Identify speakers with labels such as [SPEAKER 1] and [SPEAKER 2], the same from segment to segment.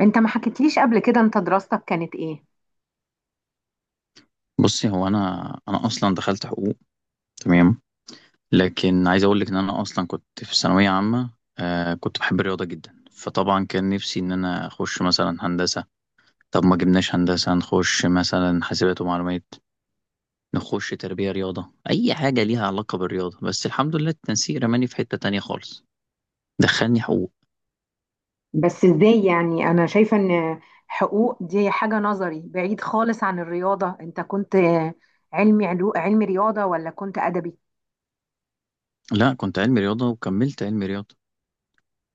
[SPEAKER 1] انت ما حكيتليش قبل كده، انت دراستك كانت ايه؟
[SPEAKER 2] بصي، هو انا اصلا دخلت حقوق. تمام. لكن عايز اقول لك ان انا اصلا كنت في ثانويه عامه. كنت بحب الرياضه جدا، فطبعا كان نفسي ان انا اخش مثلا هندسه. طب ما جبناش هندسه، نخش مثلا حاسبات ومعلومات، نخش تربيه رياضه، اي حاجه ليها علاقه بالرياضه. بس الحمد لله التنسيق رماني في حته تانية خالص، دخلني حقوق.
[SPEAKER 1] بس ازاي؟ يعني انا شايفة ان حقوق دي حاجة نظري بعيد خالص عن الرياضة. انت كنت علمي رياضة ولا كنت ادبي؟
[SPEAKER 2] لا، كنت علمي رياضه وكملت علمي رياضه.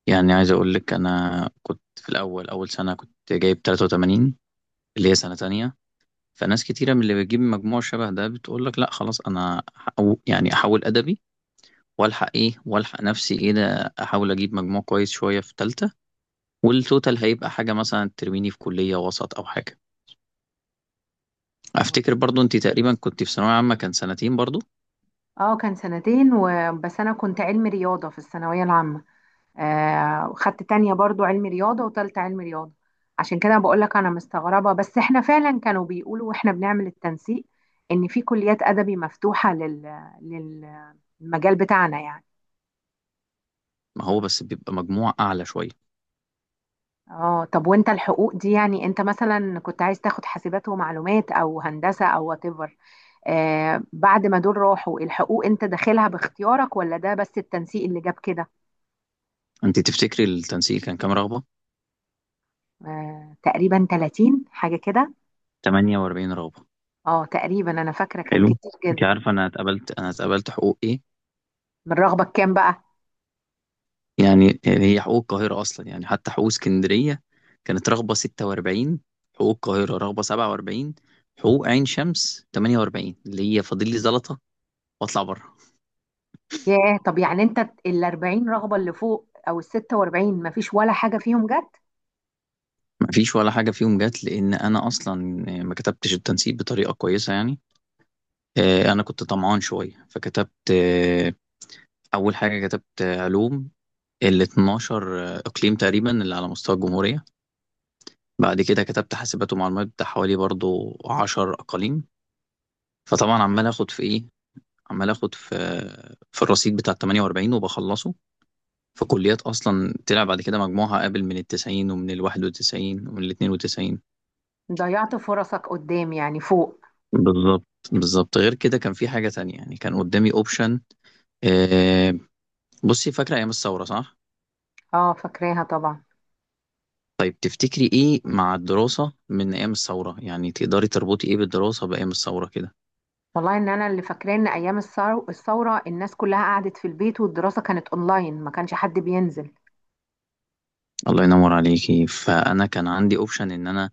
[SPEAKER 2] يعني عايز اقول لك انا كنت في الاول اول سنه كنت جايب 83، اللي هي سنه تانية. فناس كتيرة من اللي بتجيب مجموع شبه ده بتقول لك لا خلاص، انا أو يعني احول ادبي والحق ايه والحق نفسي ايه، ده احاول اجيب مجموع كويس شوية في تالتة، والتوتال هيبقى حاجة مثلا ترميني في كلية وسط او حاجة. افتكر برضو انت تقريبا كنت في ثانوية عامة كان سنتين برضو.
[SPEAKER 1] اه كان سنتين بس انا كنت علمي رياضة في الثانوية العامة. آه، وخدت تانية برضو علمي رياضة وتالتة علمي رياضة. عشان كده بقولك انا مستغربة، بس احنا فعلا كانوا بيقولوا واحنا بنعمل التنسيق ان في كليات ادبي مفتوحة لل- للمجال بتاعنا يعني.
[SPEAKER 2] ما هو بس بيبقى مجموع اعلى شوية.
[SPEAKER 1] اه، طب وانت الحقوق دي، يعني انت مثلا كنت عايز تاخد حاسبات ومعلومات او هندسة او وات ايفر؟ آه، بعد ما دول راحوا الحقوق، انت داخلها باختيارك ولا ده بس التنسيق اللي جاب كده؟
[SPEAKER 2] انت تفتكري التنسيق كان كام رغبة؟
[SPEAKER 1] آه، تقريبا 30 حاجة كده.
[SPEAKER 2] 48 رغبة.
[SPEAKER 1] اه تقريبا انا فاكرة كان
[SPEAKER 2] حلو.
[SPEAKER 1] كتير
[SPEAKER 2] انت
[SPEAKER 1] جدا.
[SPEAKER 2] عارفة انا اتقبلت حقوق ايه؟
[SPEAKER 1] من رغبة كام بقى؟
[SPEAKER 2] يعني هي حقوق القاهرة أصلا، يعني حتى حقوق اسكندرية كانت رغبة 46، حقوق القاهرة رغبة 47، حقوق عين شمس 48، اللي هي فاضل لي زلطة وأطلع بره.
[SPEAKER 1] ياه، طب يعني انت ال 40 رغبة اللي فوق او ال 46 مفيش ولا حاجة فيهم جت؟
[SPEAKER 2] مفيش ولا حاجة فيهم جت، لأن أنا أصلا ما كتبتش التنسيق بطريقة كويسة يعني. أنا كنت طمعان شوية فكتبت، أول حاجة كتبت علوم، ال 12 إقليم تقريبا اللي على مستوى الجمهورية. بعد كده كتبت حاسبات ومعلومات بتاع حوالي برضو 10 أقاليم. فطبعا عمال اخد في ايه، عمال اخد في، في الرصيد بتاع 48 وبخلصه في كليات اصلا طلع بعد كده مجموعها قابل من ال 90 ومن ال 91 ومن ال 92.
[SPEAKER 1] ضيعت فرصك قدام يعني فوق.
[SPEAKER 2] بالظبط. بالظبط. غير كده كان في حاجة تانية، يعني كان قدامي اوبشن. آه. بصي، فاكرة ايام الثورة صح؟
[SPEAKER 1] اه، فاكراها طبعا.
[SPEAKER 2] طيب تفتكري ايه مع الدراسة من ايام الثورة؟ يعني تقدري تربطي ايه بالدراسة بايام الثورة كده؟
[SPEAKER 1] والله ان انا اللي فاكراه ان ايام الثوره الناس كلها قعدت في البيت والدراسه كانت اونلاين، ما كانش حد بينزل.
[SPEAKER 2] الله ينور عليكي. فانا كان عندي اوبشن ان انا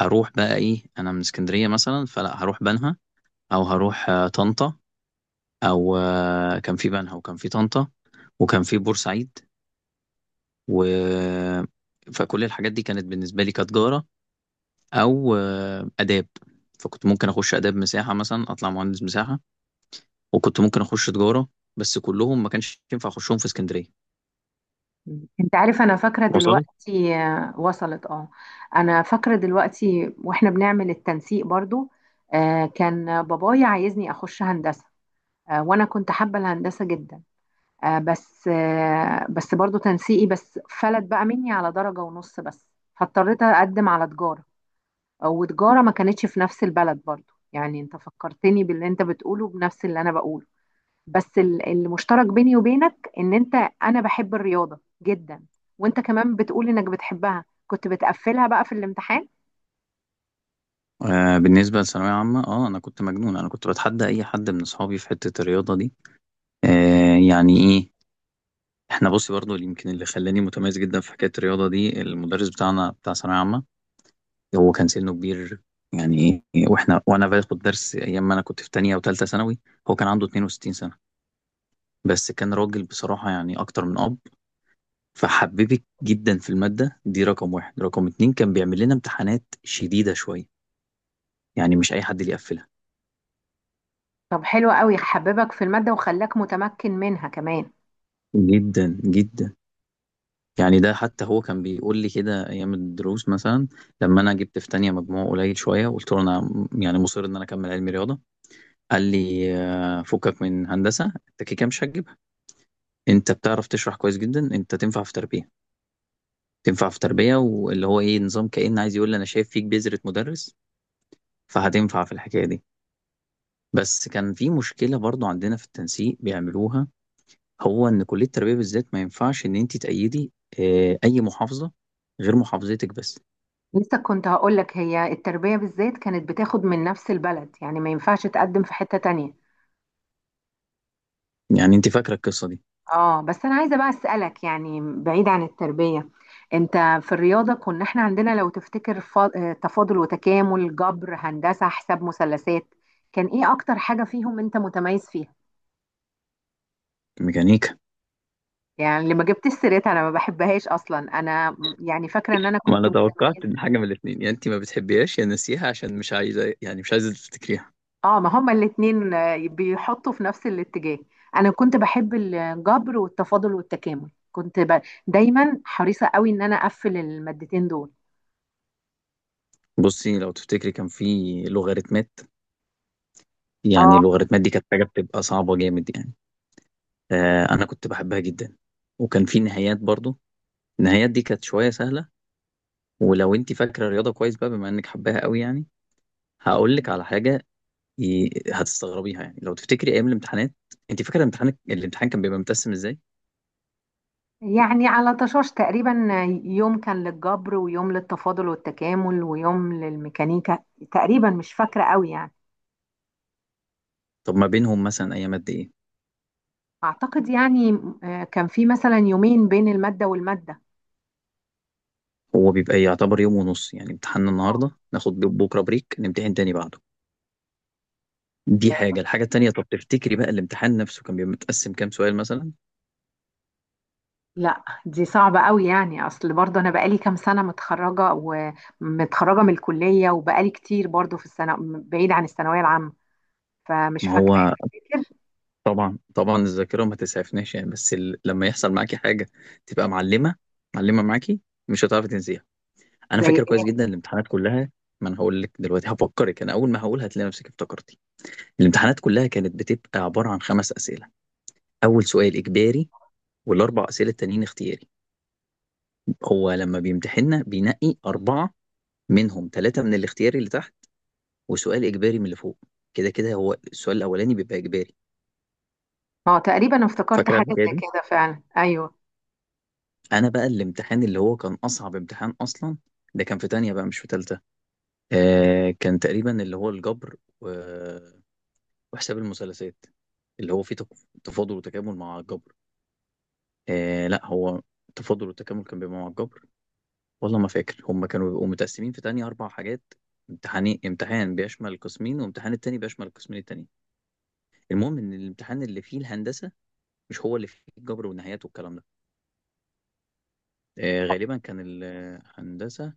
[SPEAKER 2] اروح بقى ايه، انا من اسكندرية مثلا، فلا هروح بنها او هروح طنطا، او كان في بنها وكان في طنطا وكان في بورسعيد و، فكل الحاجات دي كانت بالنسبه لي كتجاره او اداب. فكنت ممكن اخش اداب مساحه مثلا، اطلع مهندس مساحه، وكنت ممكن اخش تجاره، بس كلهم ما كانش ينفع اخشهم في اسكندريه.
[SPEAKER 1] انت عارف؟ انا فاكره
[SPEAKER 2] وصلت.
[SPEAKER 1] دلوقتي. آه، وصلت. اه، انا فاكره دلوقتي واحنا بنعمل التنسيق برضو. آه، كان بابايا عايزني اخش هندسه. آه، وانا كنت حابه الهندسه جدا. بس برضو تنسيقي بس فلت بقى مني على درجه ونص بس. فاضطريت اقدم على تجاره، وتجارة ما كانتش في نفس البلد برضو. يعني انت فكرتني باللي انت بتقوله بنفس اللي انا بقوله، بس المشترك بيني وبينك ان انت، انا بحب الرياضة جدا، وانت كمان بتقول انك بتحبها، كنت بتقفلها بقى في الامتحان.
[SPEAKER 2] بالنسبه لثانويه عامه، اه انا كنت مجنون، انا كنت بتحدى اي حد من اصحابي في حته الرياضه دي. آه. يعني ايه، احنا بصي برضو اللي يمكن اللي خلاني متميز جدا في حكايه الرياضه دي المدرس بتاعنا بتاع ثانويه عامه، هو كان سنه كبير. يعني واحنا وانا باخد درس ايام ما انا كنت في تانية وتالتة ثانوي، هو كان عنده 62 سنة، بس كان راجل بصراحة يعني اكتر من اب، فحببك جدا في المادة دي. رقم واحد. رقم اتنين، كان بيعمل لنا امتحانات شديدة شوية، يعني مش اي حد اللي يقفلها.
[SPEAKER 1] طب حلو قوي، حببك في المادة وخلاك متمكن منها كمان.
[SPEAKER 2] جدا جدا. يعني ده حتى هو كان بيقول لي كده ايام الدروس مثلا، لما انا جبت في تانية مجموع قليل شوية، قلت له انا يعني مصر ان انا اكمل علمي رياضة، قال لي فكك من هندسة، انت كده كده مش هتجيبها، انت بتعرف تشرح كويس جدا، انت تنفع في تربيه، تنفع في تربيه، واللي هو ايه، نظام كأن عايز يقول لي انا شايف فيك بذرة مدرس، فهتنفع في الحكايه دي. بس كان في مشكله برضو عندنا في التنسيق بيعملوها، هو ان كليه التربيه بالذات ما ينفعش ان انت تأيدي اه، اي محافظه غير محافظتك بس.
[SPEAKER 1] لسه كنت هقولك هي التربية بالذات كانت بتاخد من نفس البلد، يعني ما ينفعش تقدم في حتة تانية.
[SPEAKER 2] يعني انت فاكره القصه دي.
[SPEAKER 1] اه، بس انا عايزه بقى اسالك يعني بعيد عن التربيه. انت في الرياضه كنا احنا عندنا لو تفتكر تفاضل وتكامل، جبر، هندسه، حساب مثلثات، كان ايه اكتر حاجه فيهم انت متميز فيها؟
[SPEAKER 2] ميكانيكا.
[SPEAKER 1] يعني اللي ما جبتش سيرتها انا ما بحبهاش اصلا. انا يعني فاكره ان انا
[SPEAKER 2] ما
[SPEAKER 1] كنت
[SPEAKER 2] انا
[SPEAKER 1] متميز.
[SPEAKER 2] توقعت ان حاجه من الاثنين، يا انت ما بتحبيهاش يا ناسيها عشان مش عايزه، يعني مش عايزه تفتكريها.
[SPEAKER 1] اه، ما هما الاتنين بيحطوا في نفس الاتجاه. انا كنت بحب الجبر والتفاضل والتكامل، كنت دايما حريصه قوي ان انا اقفل المادتين دول.
[SPEAKER 2] بصي، لو تفتكري كان في لوغاريتمات، يعني
[SPEAKER 1] اه،
[SPEAKER 2] اللوغاريتمات دي كانت حاجة بتبقى صعبة جامد يعني. أنا كنت بحبها جدا. وكان في نهايات برضو، النهايات دي كانت شوية سهلة. ولو أنت فاكرة الرياضة كويس بقى بما إنك حباها قوي يعني، هقول لك على حاجة، هتستغربيها. يعني لو تفتكري أيام الامتحانات، أنت فاكرة الامتحان، الامتحان كان بيبقى متقسم إزاي؟
[SPEAKER 1] يعني على طشاش تقريبا، يوم كان للجبر ويوم للتفاضل والتكامل ويوم للميكانيكا، تقريبا مش فاكرة قوي يعني.
[SPEAKER 2] طب ما بينهم مثلا أيام قد إيه؟
[SPEAKER 1] أعتقد يعني كان في مثلا يومين بين المادة والمادة.
[SPEAKER 2] هو بيبقى يعتبر يوم ونص، يعني امتحاننا
[SPEAKER 1] آه.
[SPEAKER 2] النهاردة ناخد بكرة بريك نمتحن تاني بعده. دي حاجة. الحاجة التانية، طب تفتكري بقى الامتحان نفسه كان بيبقى متقسم كام سؤال مثلا؟
[SPEAKER 1] لا دي صعبة قوي، يعني أصل برضه أنا بقالي كام سنة متخرجة ومتخرجة من الكلية، وبقالي كتير برضه في السنة بعيد عن الثانوية العامة، فمش
[SPEAKER 2] ما
[SPEAKER 1] فاكرة
[SPEAKER 2] هو
[SPEAKER 1] كتير.
[SPEAKER 2] طبعا طبعا، الذاكره ما تسعفناش يعني، بس لما يحصل معاكي حاجه تبقى معلمه، معلمه معاكي، مش هتعرفي تنسيها. انا
[SPEAKER 1] زي
[SPEAKER 2] فاكر كويس
[SPEAKER 1] إيه؟
[SPEAKER 2] جدا الامتحانات كلها. ما انا هقول لك دلوقتي هفكرك، انا اول ما هقول هتلاقي نفسك افتكرتي. الامتحانات كلها كانت بتبقى عباره عن خمس اسئله. اول سؤال اجباري، والاربع اسئله التانيين اختياري. هو لما بيمتحننا بينقي اربعه، منهم ثلاثه من الاختياري اللي تحت، وسؤال اجباري من اللي فوق. كده كده هو السؤال الاولاني بيبقى اجباري.
[SPEAKER 1] اه تقريبا افتكرت
[SPEAKER 2] فاكره
[SPEAKER 1] حاجة
[SPEAKER 2] الحكايه
[SPEAKER 1] زي
[SPEAKER 2] دي.
[SPEAKER 1] كده فعلا، أيوه.
[SPEAKER 2] انا بقى الامتحان اللي هو كان اصعب امتحان اصلا، ده كان في تانية بقى مش في تالتة. آه، كان تقريبا اللي هو الجبر و، وحساب المثلثات، اللي هو فيه تفاضل وتكامل مع الجبر. آه لا، هو تفاضل وتكامل كان بيبقى مع الجبر. والله ما فاكر، هم كانوا بيبقوا متقسمين في تانية اربع حاجات، امتحانين، امتحان بيشمل القسمين وامتحان التاني بيشمل القسمين التانيين. المهم ان الامتحان اللي فيه الهندسة مش هو اللي فيه الجبر والنهايات والكلام ده. آه، غالبا كان الهندسة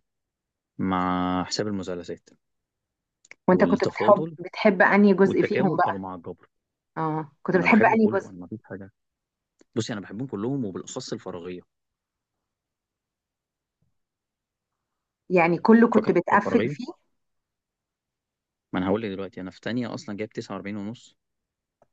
[SPEAKER 2] مع حساب المثلثات،
[SPEAKER 1] وأنت كنت بتحب
[SPEAKER 2] والتفاضل
[SPEAKER 1] بتحب أنهي جزء فيهم؟
[SPEAKER 2] والتكامل كانوا مع الجبر.
[SPEAKER 1] اه، كنت
[SPEAKER 2] ما انا
[SPEAKER 1] بتحب
[SPEAKER 2] بحبه
[SPEAKER 1] انهي
[SPEAKER 2] كله،
[SPEAKER 1] جزء؟
[SPEAKER 2] انا ما فيش حاجه. بصي، انا بحبهم كلهم وبالاخص الفراغيه.
[SPEAKER 1] يعني كله كنت
[SPEAKER 2] فاكر
[SPEAKER 1] بتقفل
[SPEAKER 2] الفراغيه.
[SPEAKER 1] فيه؟
[SPEAKER 2] ما انا هقول لك دلوقتي، انا في تانية اصلا جايب 49 ونص.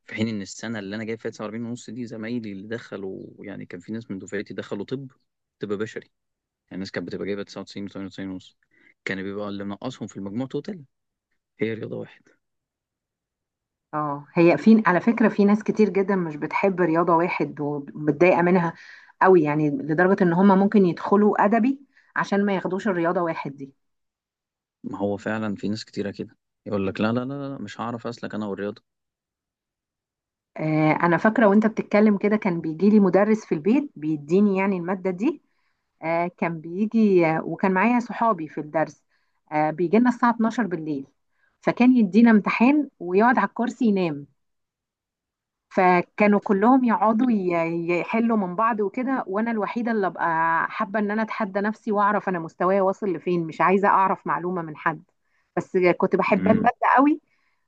[SPEAKER 2] في حين ان السنه اللي انا جايب فيها 49 ونص دي، زمايلي اللي دخلوا يعني كان في ناس من دفعتي دخلوا طب، طب بشري. يعني الناس كانت بتبقى جايبه 99 و98 ونص. كان بيبقى اللي منقصهم في المجموع توتال هي رياضه واحد.
[SPEAKER 1] اه، هي في، على فكرة، في ناس كتير جدا مش بتحب رياضة واحد ومتضايقة منها قوي، يعني لدرجة ان هم ممكن يدخلوا ادبي عشان ما ياخدوش الرياضة واحد دي.
[SPEAKER 2] ما هو فعلا في ناس كتيره كده، يقول لك لا لا لا لا مش هعرف اسلك انا والرياضه.
[SPEAKER 1] آه، انا فاكرة وانت بتتكلم كده كان بيجي لي مدرس في البيت بيديني يعني المادة دي. آه، كان بيجي وكان معايا صحابي في الدرس. آه، بيجي لنا الساعة 12 بالليل، فكان يدينا امتحان ويقعد على الكرسي ينام. فكانوا كلهم يقعدوا يحلوا من بعض وكده، وانا الوحيده اللي ابقى حابه ان انا اتحدى نفسي واعرف انا مستواي واصل لفين، مش عايزه اعرف معلومه من حد. بس كنت بحب
[SPEAKER 2] امم.
[SPEAKER 1] الماده قوي.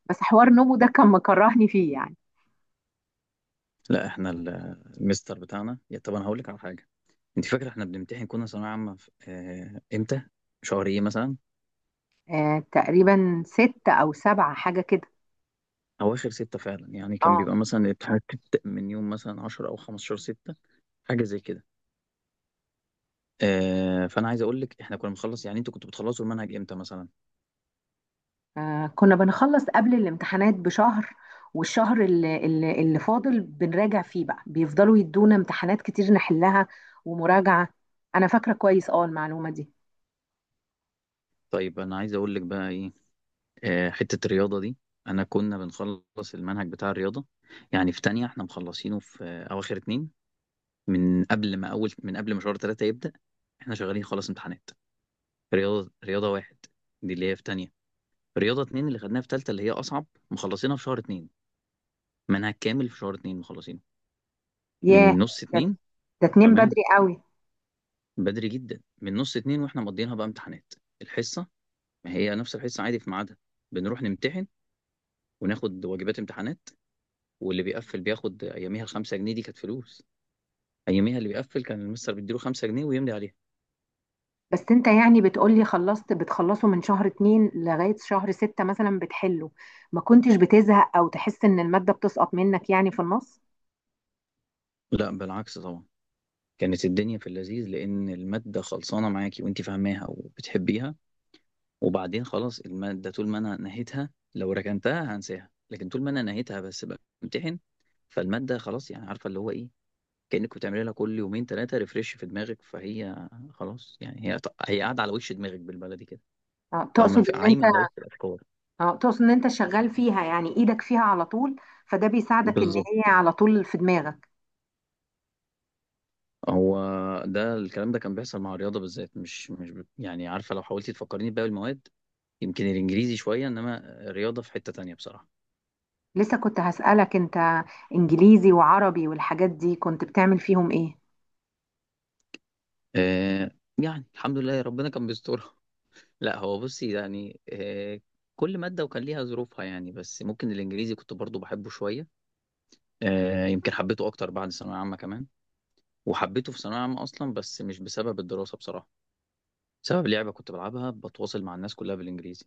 [SPEAKER 1] بس حوار نومو ده كان مكرهني فيه يعني.
[SPEAKER 2] لا، احنا المستر بتاعنا، يا طب انا هقول لك على حاجه. انت فاكره احنا بنمتحن كنا ثانويه عامه امتى، شهر ايه مثلا؟
[SPEAKER 1] آه، تقريبا ستة او سبعة حاجه كده.
[SPEAKER 2] اواخر ستة فعلا، يعني كان
[SPEAKER 1] اه،
[SPEAKER 2] بيبقى مثلا الامتحانات بتبدأ من يوم مثلا 10 او 15 ستة، حاجه زي كده. فانا عايز اقول لك احنا كنا بنخلص، يعني انتوا كنتوا بتخلصوا المنهج امتى مثلا؟
[SPEAKER 1] كنا بنخلص قبل الامتحانات بشهر. والشهر اللي فاضل بنراجع فيه بقى، بيفضلوا يدونا امتحانات كتير نحلها ومراجعه. انا فاكره كويس اه المعلومه دي.
[SPEAKER 2] طيب انا عايز اقول لك بقى ايه، حته الرياضه دي، انا كنا بنخلص المنهج بتاع الرياضه. يعني في تانية احنا مخلصينه في اواخر اتنين، من قبل ما شهر تلاتة يبدأ احنا شغالين خلاص امتحانات. رياضه، رياضه واحد دي اللي هي في تانية. رياضة اتنين اللي خدناها في تالتة اللي هي أصعب، مخلصينها في شهر اتنين. منها كامل في شهر اتنين مخلصينه.
[SPEAKER 1] ياه.
[SPEAKER 2] من نص
[SPEAKER 1] ده
[SPEAKER 2] اتنين.
[SPEAKER 1] ده تنام
[SPEAKER 2] بأمان.
[SPEAKER 1] بدري قوي.
[SPEAKER 2] بدري جدا، من نص اتنين واحنا مقضيينها بقى امتحانات. الحصة، ما هي نفس الحصة عادي في ميعادها، بنروح نمتحن وناخد واجبات امتحانات، واللي بيقفل بياخد أياميها خمسة جنيه. دي كانت فلوس أياميها. اللي بيقفل كان المستر بيديله خمسة جنيه ويملي عليها.
[SPEAKER 1] بس انت يعني بتقولي خلصت بتخلصه من شهر اتنين لغاية شهر ستة مثلا بتحله، ما كنتش بتزهق او تحس ان المادة بتسقط منك يعني في النص؟
[SPEAKER 2] لا، بالعكس طبعا، كانت الدنيا في اللذيذ، لأن المادة خلصانة معاكي وأنت فاهماها وبتحبيها. وبعدين خلاص المادة، طول ما أنا نهيتها، لو ركنتها هنساها، لكن طول ما أنا نهيتها بس بمتحن، فالمادة خلاص، يعني عارفة اللي هو إيه، كأنك بتعملي لها كل يومين ثلاثة ريفريش في دماغك، فهي خلاص يعني، هي قاعدة على وش دماغك بالبلدي كده.
[SPEAKER 1] اه
[SPEAKER 2] فاهمة،
[SPEAKER 1] تقصد ان انت
[SPEAKER 2] عايمة على وش الأفكار.
[SPEAKER 1] اه تقصد ان انت شغال فيها، يعني ايدك فيها على طول، فده بيساعدك ان هي
[SPEAKER 2] بالظبط.
[SPEAKER 1] على طول في دماغك.
[SPEAKER 2] هو ده الكلام ده كان بيحصل مع الرياضة بالذات، مش مش ب- يعني عارفة لو حاولتي تفكريني بباقي المواد، يمكن الإنجليزي شوية، إنما الرياضة في حتة تانية بصراحة.
[SPEAKER 1] لسه كنت هسألك انت انجليزي وعربي والحاجات دي كنت بتعمل فيهم ايه؟
[SPEAKER 2] آه. يعني الحمد لله ربنا كان بيسترها. لا، هو بصي يعني، كل مادة وكان ليها ظروفها يعني، بس ممكن الإنجليزي كنت برضو بحبه شوية. يمكن حبيته أكتر بعد ثانوية عامة كمان. وحبيته في ثانوية عامة أصلا بس مش بسبب الدراسة بصراحة، بسبب لعبة كنت بلعبها بتواصل مع الناس كلها بالإنجليزي.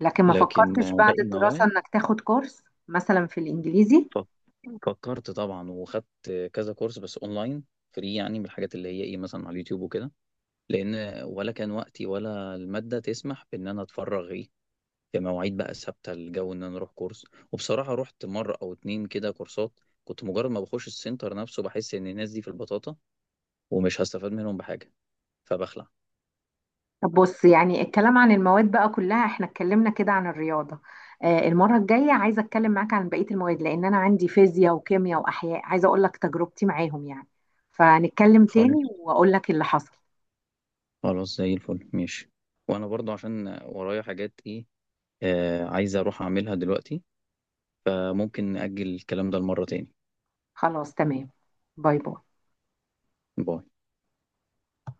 [SPEAKER 1] لكن ما
[SPEAKER 2] لكن
[SPEAKER 1] فكرتش بعد
[SPEAKER 2] باقي
[SPEAKER 1] الدراسة
[SPEAKER 2] المواد،
[SPEAKER 1] انك تاخد كورس مثلا في الانجليزي؟
[SPEAKER 2] ف- فكرت طبعا، وخدت كذا كورس بس أونلاين، فري يعني، من الحاجات اللي هي إيه مثلا على اليوتيوب وكده، لأن ولا كان وقتي ولا المادة تسمح بإن أنا أتفرغ إيه في مواعيد بقى ثابته، الجو ان انا اروح كورس. وبصراحه رحت مره او اتنين كده كورسات، كنت مجرد ما بخش السنتر نفسه بحس ان الناس دي في البطاطا ومش هستفاد منهم بحاجه، فبخلع.
[SPEAKER 1] طب بص، يعني الكلام عن المواد بقى كلها احنا اتكلمنا كده عن الرياضة، آه، المرة الجاية عايزة اتكلم معاك عن بقية المواد، لان انا عندي فيزياء وكيمياء واحياء، عايزة اقول لك تجربتي معاهم يعني. فنتكلم تاني
[SPEAKER 2] خلاص.
[SPEAKER 1] واقول لك اللي حصل.
[SPEAKER 2] خلاص، زي الفل ماشي. وانا برضو عشان ورايا حاجات ايه، آه عايز اروح اعملها دلوقتي. آه، ممكن نأجل الكلام ده لمره تاني.
[SPEAKER 1] خلاص تمام. باي باي.
[SPEAKER 2] باي.